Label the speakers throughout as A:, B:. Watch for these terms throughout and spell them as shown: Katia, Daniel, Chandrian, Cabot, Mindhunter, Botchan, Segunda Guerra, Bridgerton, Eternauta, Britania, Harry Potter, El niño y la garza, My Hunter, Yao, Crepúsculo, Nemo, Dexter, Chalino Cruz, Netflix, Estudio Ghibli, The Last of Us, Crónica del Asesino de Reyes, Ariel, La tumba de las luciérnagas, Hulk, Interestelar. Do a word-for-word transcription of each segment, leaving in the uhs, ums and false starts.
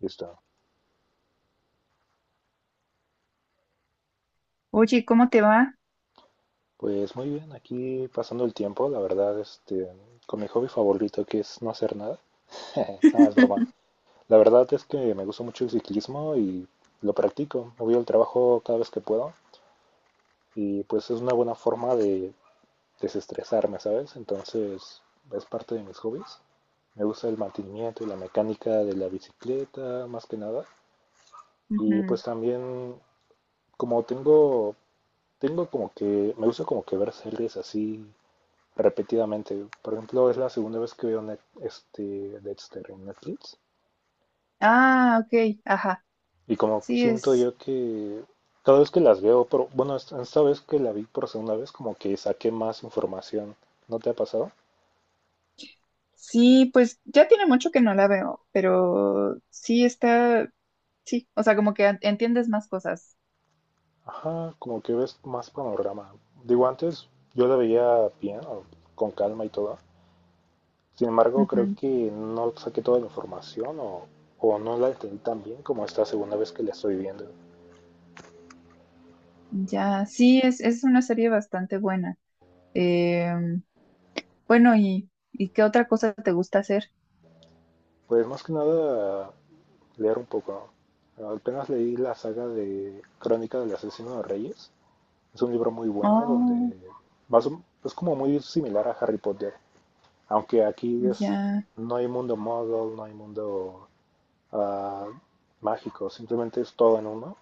A: Listo.
B: Oye, ¿cómo te va?
A: Pues muy bien, aquí pasando el tiempo, la verdad, este, con mi hobby favorito que es no hacer nada. No, es broma. La verdad es que me gusta mucho el ciclismo y lo practico. Me voy al trabajo cada vez que puedo y pues es una buena forma de desestresarme, ¿sabes? Entonces es parte de mis hobbies. Me gusta el mantenimiento y la mecánica de la bicicleta, más que nada. Y
B: Ujú.
A: pues también, como tengo, tengo como que, me gusta como que ver series así repetidamente. Por ejemplo, es la segunda vez que veo Net- este, Dexter en Netflix.
B: Ah, ok, ajá.
A: Y como
B: Sí,
A: siento
B: es.
A: yo que cada vez que las veo, pero bueno, esta esta vez que la vi por segunda vez, como que saqué más información. ¿No te ha pasado?
B: Sí, pues ya tiene mucho que no la veo, pero sí está. Sí, o sea, como que an- entiendes más cosas.
A: Ajá, como que ves más panorama. Digo, antes yo la veía bien, o con calma y todo. Sin embargo, creo
B: Ujú.
A: que no saqué toda la información o, o no la entendí tan bien como esta segunda vez que la estoy viendo.
B: Ya, sí, es, es una serie bastante buena. Em, bueno, ¿y, y qué otra cosa te gusta hacer?
A: Pues más que nada, leer un poco. ¿No? Apenas leí la saga de Crónica del Asesino de Reyes. Es un libro muy bueno
B: Oh,
A: donde más o- es como muy similar a Harry Potter, aunque aquí es,
B: ya.
A: no hay mundo model, no hay mundo ah, mágico, simplemente es todo en uno.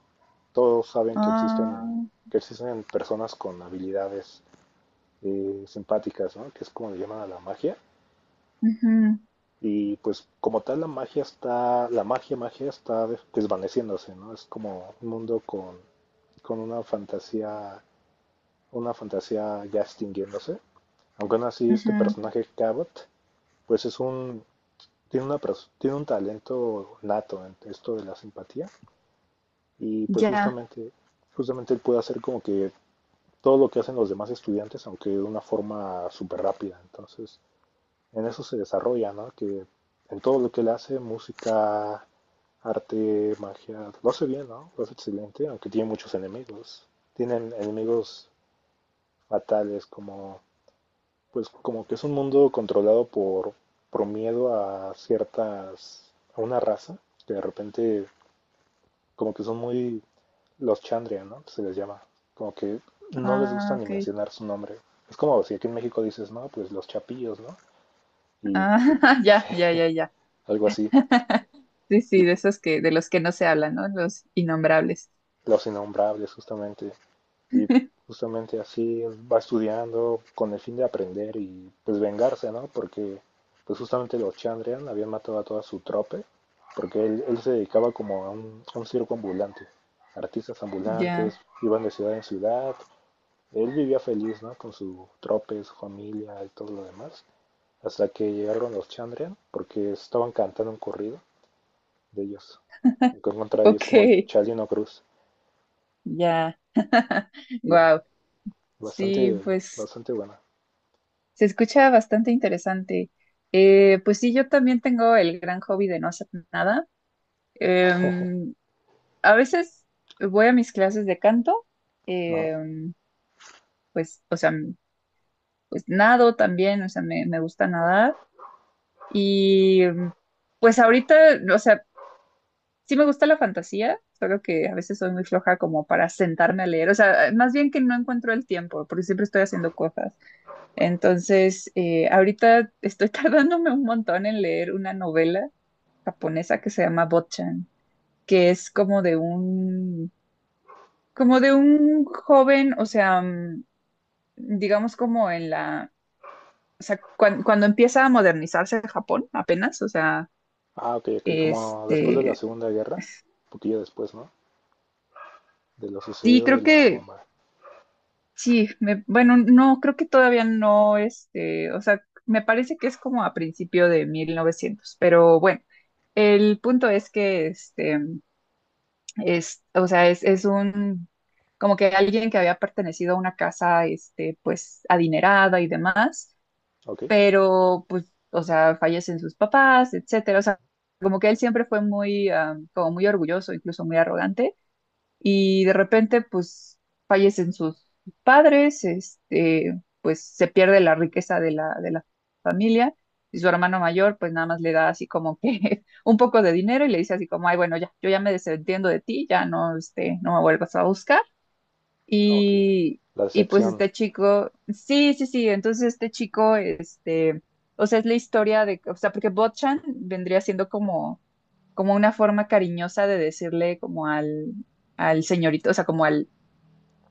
A: Todos saben que existen,
B: Ah,
A: que existen personas con habilidades eh, simpáticas, ¿no? Que es como le llaman a la magia.
B: ujú,
A: Y pues como tal la magia está, la magia, magia está des- desvaneciéndose, ¿no? Es como un mundo con, con una fantasía, una fantasía ya extinguiéndose. Aunque aún así este
B: ujú.
A: personaje Cabot, pues es un, tiene una, pers- tiene un talento nato en esto de la simpatía. Y pues
B: Ya.
A: justamente, justamente él puede hacer como que todo lo que hacen los demás estudiantes, aunque de una forma súper rápida. Entonces, en eso se desarrolla, ¿no? Que en todo lo que él hace, música, arte, magia, lo hace bien, ¿no? Lo hace excelente, aunque tiene muchos enemigos. Tienen enemigos fatales, como, pues, como que es un mundo controlado por, por miedo a ciertas, a una raza, que de repente, como que son muy, los Chandria, ¿no? Se les llama, como que no les gusta
B: Ah,
A: ni
B: ok.
A: mencionar su nombre. Es como si aquí en México dices, no, pues los chapillos, ¿no? Y
B: Ah, ya, ya, ya, ya.
A: algo así.
B: Sí, sí,
A: Y
B: de esos que, de los que no se hablan, ¿no? Los innombrables.
A: Los Innombrables, justamente. Y justamente así va estudiando con el fin de aprender y pues vengarse, ¿no? Porque pues justamente los Chandrian habían matado a toda su trope, porque él, él se dedicaba como a un, a un circo ambulante. Artistas ambulantes,
B: Ya,
A: iban de ciudad en ciudad. Él vivía feliz, ¿no? Con su trope, su familia y todo lo demás. Hasta que llegaron los Chandrian, porque estaban cantando un corrido de ellos. En contra de ellos
B: ok,
A: como el Chalino Cruz.
B: ya,
A: Y
B: wow. Sí,
A: bastante,
B: pues
A: bastante buena.
B: se escucha bastante interesante. Eh, pues sí, yo también tengo el gran hobby de no hacer nada. Em, a veces voy a mis clases de canto,
A: Ajá.
B: em, pues, o sea, pues nado también, o sea, me, me gusta nadar. Y em, pues ahorita, o sea, sí me gusta la fantasía, solo que a veces soy muy floja como para sentarme a leer. O sea, más bien que no encuentro el tiempo, porque siempre estoy haciendo cosas. Entonces, eh, ahorita estoy tardándome un montón en leer una novela japonesa que se llama Botchan, que es como de un, como de un joven, o sea, mm, digamos como en la, o sea, cuan- cuando empieza a modernizarse Japón apenas, o sea,
A: Ah, ok, ok, como después de la
B: este,
A: Segunda Guerra, un poquillo después, ¿no? De lo
B: sí,
A: sucedido de
B: creo
A: la
B: que
A: bomba.
B: sí, me, bueno, no, creo que todavía no, este, o sea, me parece que es como a principio de mil novecientos, pero bueno, el punto es que, este, es, o sea, es, es un, como que alguien que había pertenecido a una casa, este, pues, adinerada y demás,
A: Ok,
B: pero, pues, o sea, fallecen sus papás, etcétera, o sea, como que él siempre fue muy, ah, como muy orgulloso, incluso muy arrogante, y de repente pues fallecen sus padres, este, pues se pierde la riqueza de la, de la familia y su hermano mayor pues nada más le da así como que un poco de dinero y le dice así como, ay, bueno, ya, yo ya me desentiendo de ti, ya no, este, no me vuelvas a buscar.
A: ah, ok.
B: Y,
A: La
B: y pues
A: decepción.
B: este chico, sí, sí, sí, entonces este chico, este, o sea, es la historia de, o sea, porque Botchan vendría siendo como como una forma cariñosa de decirle como al, al señorito, o sea, como al,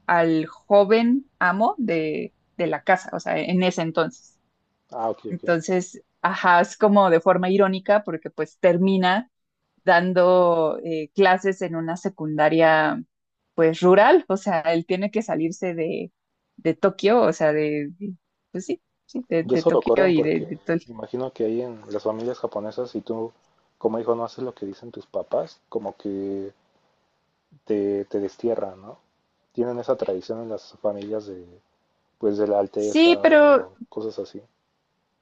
B: al joven amo de, de la casa, o sea, en ese entonces.
A: Ah, ok, ok.
B: Entonces, ajá, es como de forma irónica porque pues termina dando eh, clases en una secundaria pues rural, o sea, él tiene que salirse de, de Tokio, o sea, de, de- pues sí, sí, de,
A: Y
B: de
A: eso lo
B: Tokio
A: corren
B: y de,
A: porque
B: de todo el-
A: imagino que ahí en las familias japonesas, si tú como hijo no haces lo que dicen tus papás, como que te, te destierran, ¿no? Tienen esa tradición en las familias de, pues, de la
B: Sí,
A: alteza
B: pero
A: o cosas así.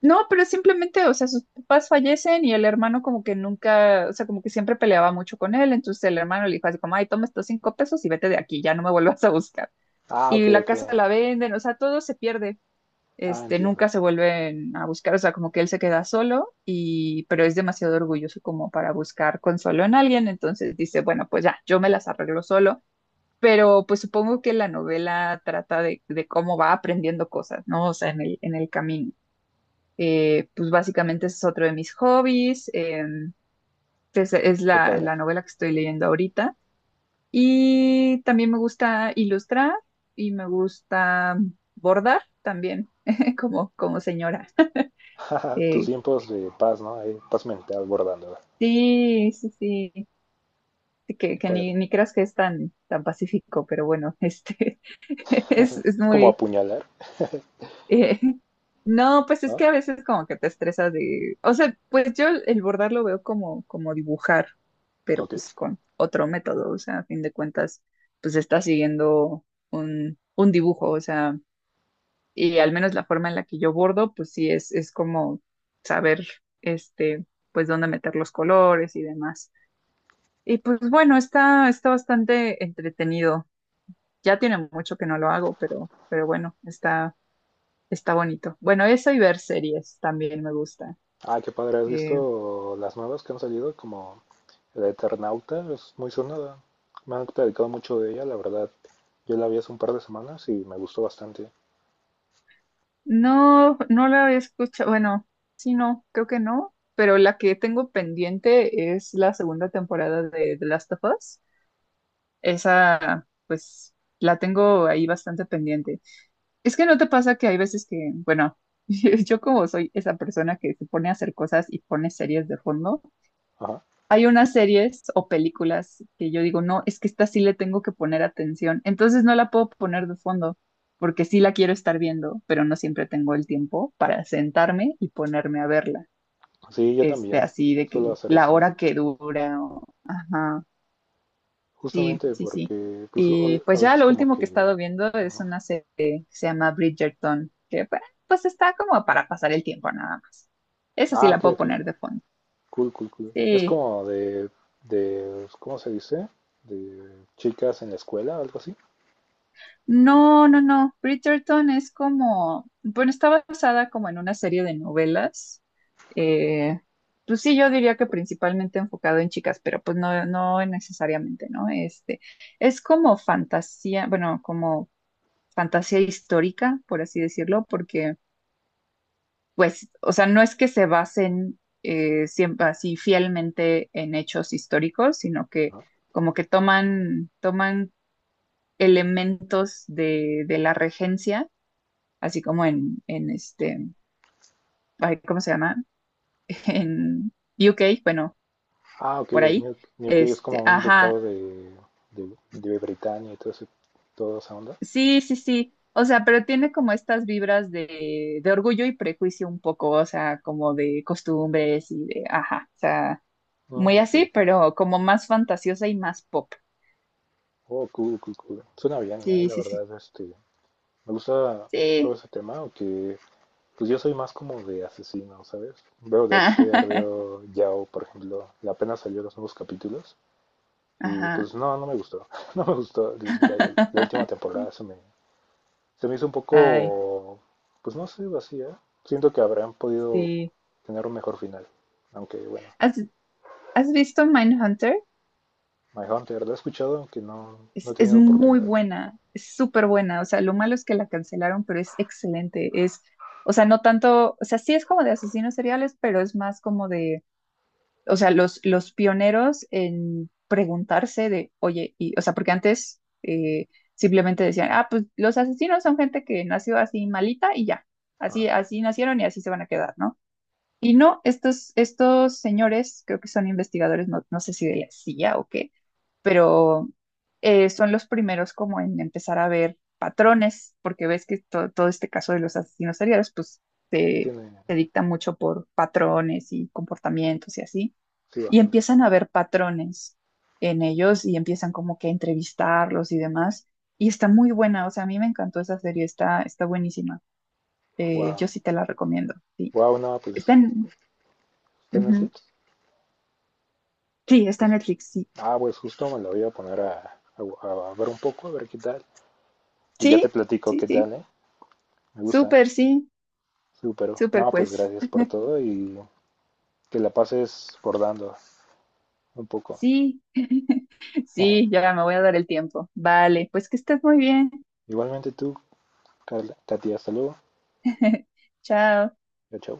B: no, pero simplemente, o sea, sus papás fallecen y el hermano como que nunca, o sea, como que siempre peleaba mucho con él, entonces el hermano le dijo así como, ay, toma estos cinco pesos y vete de aquí, ya no me vuelvas a buscar.
A: Ah, ok,
B: Y la
A: ok.
B: casa la venden, o sea, todo se pierde,
A: Ah,
B: este,
A: entiendo.
B: nunca se vuelven a buscar, o sea, como que él se queda solo y, pero es demasiado orgulloso como para buscar consuelo en alguien, entonces dice, bueno, pues ya, yo me las arreglo solo. Pero pues supongo que la novela trata de, de cómo va aprendiendo cosas, ¿no? O sea, en el, en el camino. Eh, pues básicamente ese es otro de mis hobbies. eh, es, es
A: Qué
B: la,
A: padre.
B: la novela que estoy leyendo ahorita. Y también me gusta ilustrar y me gusta bordar también, como, como señora.
A: Tus
B: Eh,
A: tiempos de paz, ¿no? Ahí, paz mental bordando.
B: sí, sí, sí, sí, Que,
A: Qué
B: que ni,
A: padre.
B: ni creas que es tan, tan pacífico, pero bueno, este es, es
A: Es como
B: muy,
A: apuñalar,
B: Eh, no, pues es
A: ¿no?
B: que a veces como que te estresas de, o sea, pues yo el bordar lo veo como, como dibujar, pero
A: Ok.
B: pues con otro método, o sea, a fin de cuentas, pues está siguiendo un, un dibujo, o sea, y al menos la forma en la que yo bordo, pues sí es, es como saber, este, pues dónde meter los colores y demás. Y pues bueno, está, está bastante entretenido. Ya tiene mucho que no lo hago, pero, pero bueno, está está bonito. Bueno, eso y ver series también me gusta.
A: Ah, qué padre. ¿Has
B: Eh,
A: visto las nuevas que han salido? Como el Eternauta, es muy sonada. Me han platicado mucho de ella, la verdad. Yo la vi hace un par de semanas y me gustó bastante.
B: no, no la he escuchado. Bueno, sí, no, creo que no. Pero la que tengo pendiente es la segunda temporada de The Last of Us. Esa, pues, la tengo ahí bastante pendiente. Es que no te pasa que hay veces que, bueno, yo como soy esa persona que se pone a hacer cosas y pone series de fondo,
A: Ajá.
B: hay unas series o películas que yo digo, no, es que esta sí le tengo que poner atención, entonces no la puedo poner de fondo porque sí la quiero estar viendo, pero no siempre tengo el tiempo para sentarme y ponerme a verla,
A: Sí, yo
B: este,
A: también.
B: así de
A: Suelo
B: que
A: hacer
B: la
A: eso.
B: hora que dura, o- ajá, sí,
A: Justamente
B: sí, sí.
A: porque, pues,
B: Y
A: o- a
B: pues ya
A: veces
B: lo
A: como
B: último que he
A: que...
B: estado viendo es
A: Ajá.
B: una serie que se llama Bridgerton, que pues pues, está como para pasar el tiempo nada más. Esa sí
A: Ah,
B: la
A: ok,
B: puedo
A: ok.
B: poner de fondo.
A: Cool, cool, cool. Es
B: Sí.
A: como de, de, ¿cómo se dice? De chicas en la escuela, algo así.
B: No, no, no. Bridgerton es como, bueno, está basada como en una serie de novelas. Eh, pues sí, yo diría que principalmente enfocado en chicas, pero pues no, no necesariamente, ¿no? Este, es como fantasía, bueno, como fantasía histórica, por así decirlo, porque pues, o sea, no es que se basen eh, siempre así fielmente en hechos históricos, sino que
A: ¿No?
B: como que toman, toman elementos de, de la regencia así como en, en este, ay, ¿cómo se llama? En U K bueno,
A: Ah, ok,
B: por ahí.
A: New, New Cave es
B: Este,
A: como un
B: ajá,
A: ducado de, de, de Britania y todo ese, toda esa onda.
B: sí, sí, sí. O sea, pero tiene como estas vibras de, de orgullo y prejuicio un poco, o sea, como de costumbres y de, ajá, o sea, muy
A: Ah, ok,
B: así,
A: ok.
B: pero como más fantasiosa y más pop.
A: Oh, cool, cool, cool. Suena bien, eh,
B: Sí,
A: la
B: sí, sí,
A: verdad, este, me gusta todo
B: sí.
A: ese tema, aunque pues yo soy más como de asesino, ¿sabes? Veo Dexter, veo Yao, por ejemplo, apenas salió los nuevos capítulos. Y
B: Ajá.
A: pues no, no me gustó. No me gustó. La, la última temporada se me, se me hizo un
B: Ay,
A: poco, pues no sé, vacía. Siento que habrán podido
B: sí.
A: tener un mejor final. Aunque bueno,
B: ¿Has, has visto Mindhunter?
A: My Hunter lo he escuchado, aunque no, no he
B: Es, es
A: tenido
B: muy
A: oportunidad.
B: buena, es súper buena. O sea, lo malo es que la cancelaron, pero es excelente. Es, o sea, no tanto, o sea, sí es como de asesinos seriales, pero es más como de, o sea, los, los pioneros en preguntarse de, oye, y, o sea, porque antes eh, simplemente decían, ah, pues los asesinos son gente que nació así malita y ya,
A: Ah,
B: así, así nacieron y así se van a quedar, ¿no? Y no, estos, estos señores, creo que son investigadores, no, no sé si de la C I A o qué, pero eh, son los primeros como en empezar a ver patrones, porque ves que to- todo este caso de los asesinos seriales, pues se,
A: tiene,
B: se dicta mucho por patrones y comportamientos y así,
A: sí,
B: y
A: bastante.
B: empiezan a ver patrones en ellos y empiezan como que a entrevistarlos y demás, y está muy buena, o sea, a mí me encantó esa serie, está, está buenísima. Eh, yo
A: Wow.
B: sí te la recomiendo, sí.
A: Wow, no, pues
B: Está en...
A: está en
B: ujú.
A: Netflix.
B: Sí, está en
A: Pues,
B: Netflix, sí.
A: ah, pues justo me la voy a poner a, a- a ver un poco, a ver qué tal. Y ya
B: Sí,
A: te platico
B: sí,
A: qué
B: sí.
A: tal, ¿eh? Me gusta.
B: Súper, sí.
A: Súper.
B: Súper,
A: No, pues
B: pues.
A: gracias por todo y que la pases bordando. Un poco.
B: Sí, sí, ya me voy a dar el tiempo. Vale, pues que estés muy bien.
A: Igualmente tú, Katia. Hasta luego.
B: Chao.
A: Chao, chao.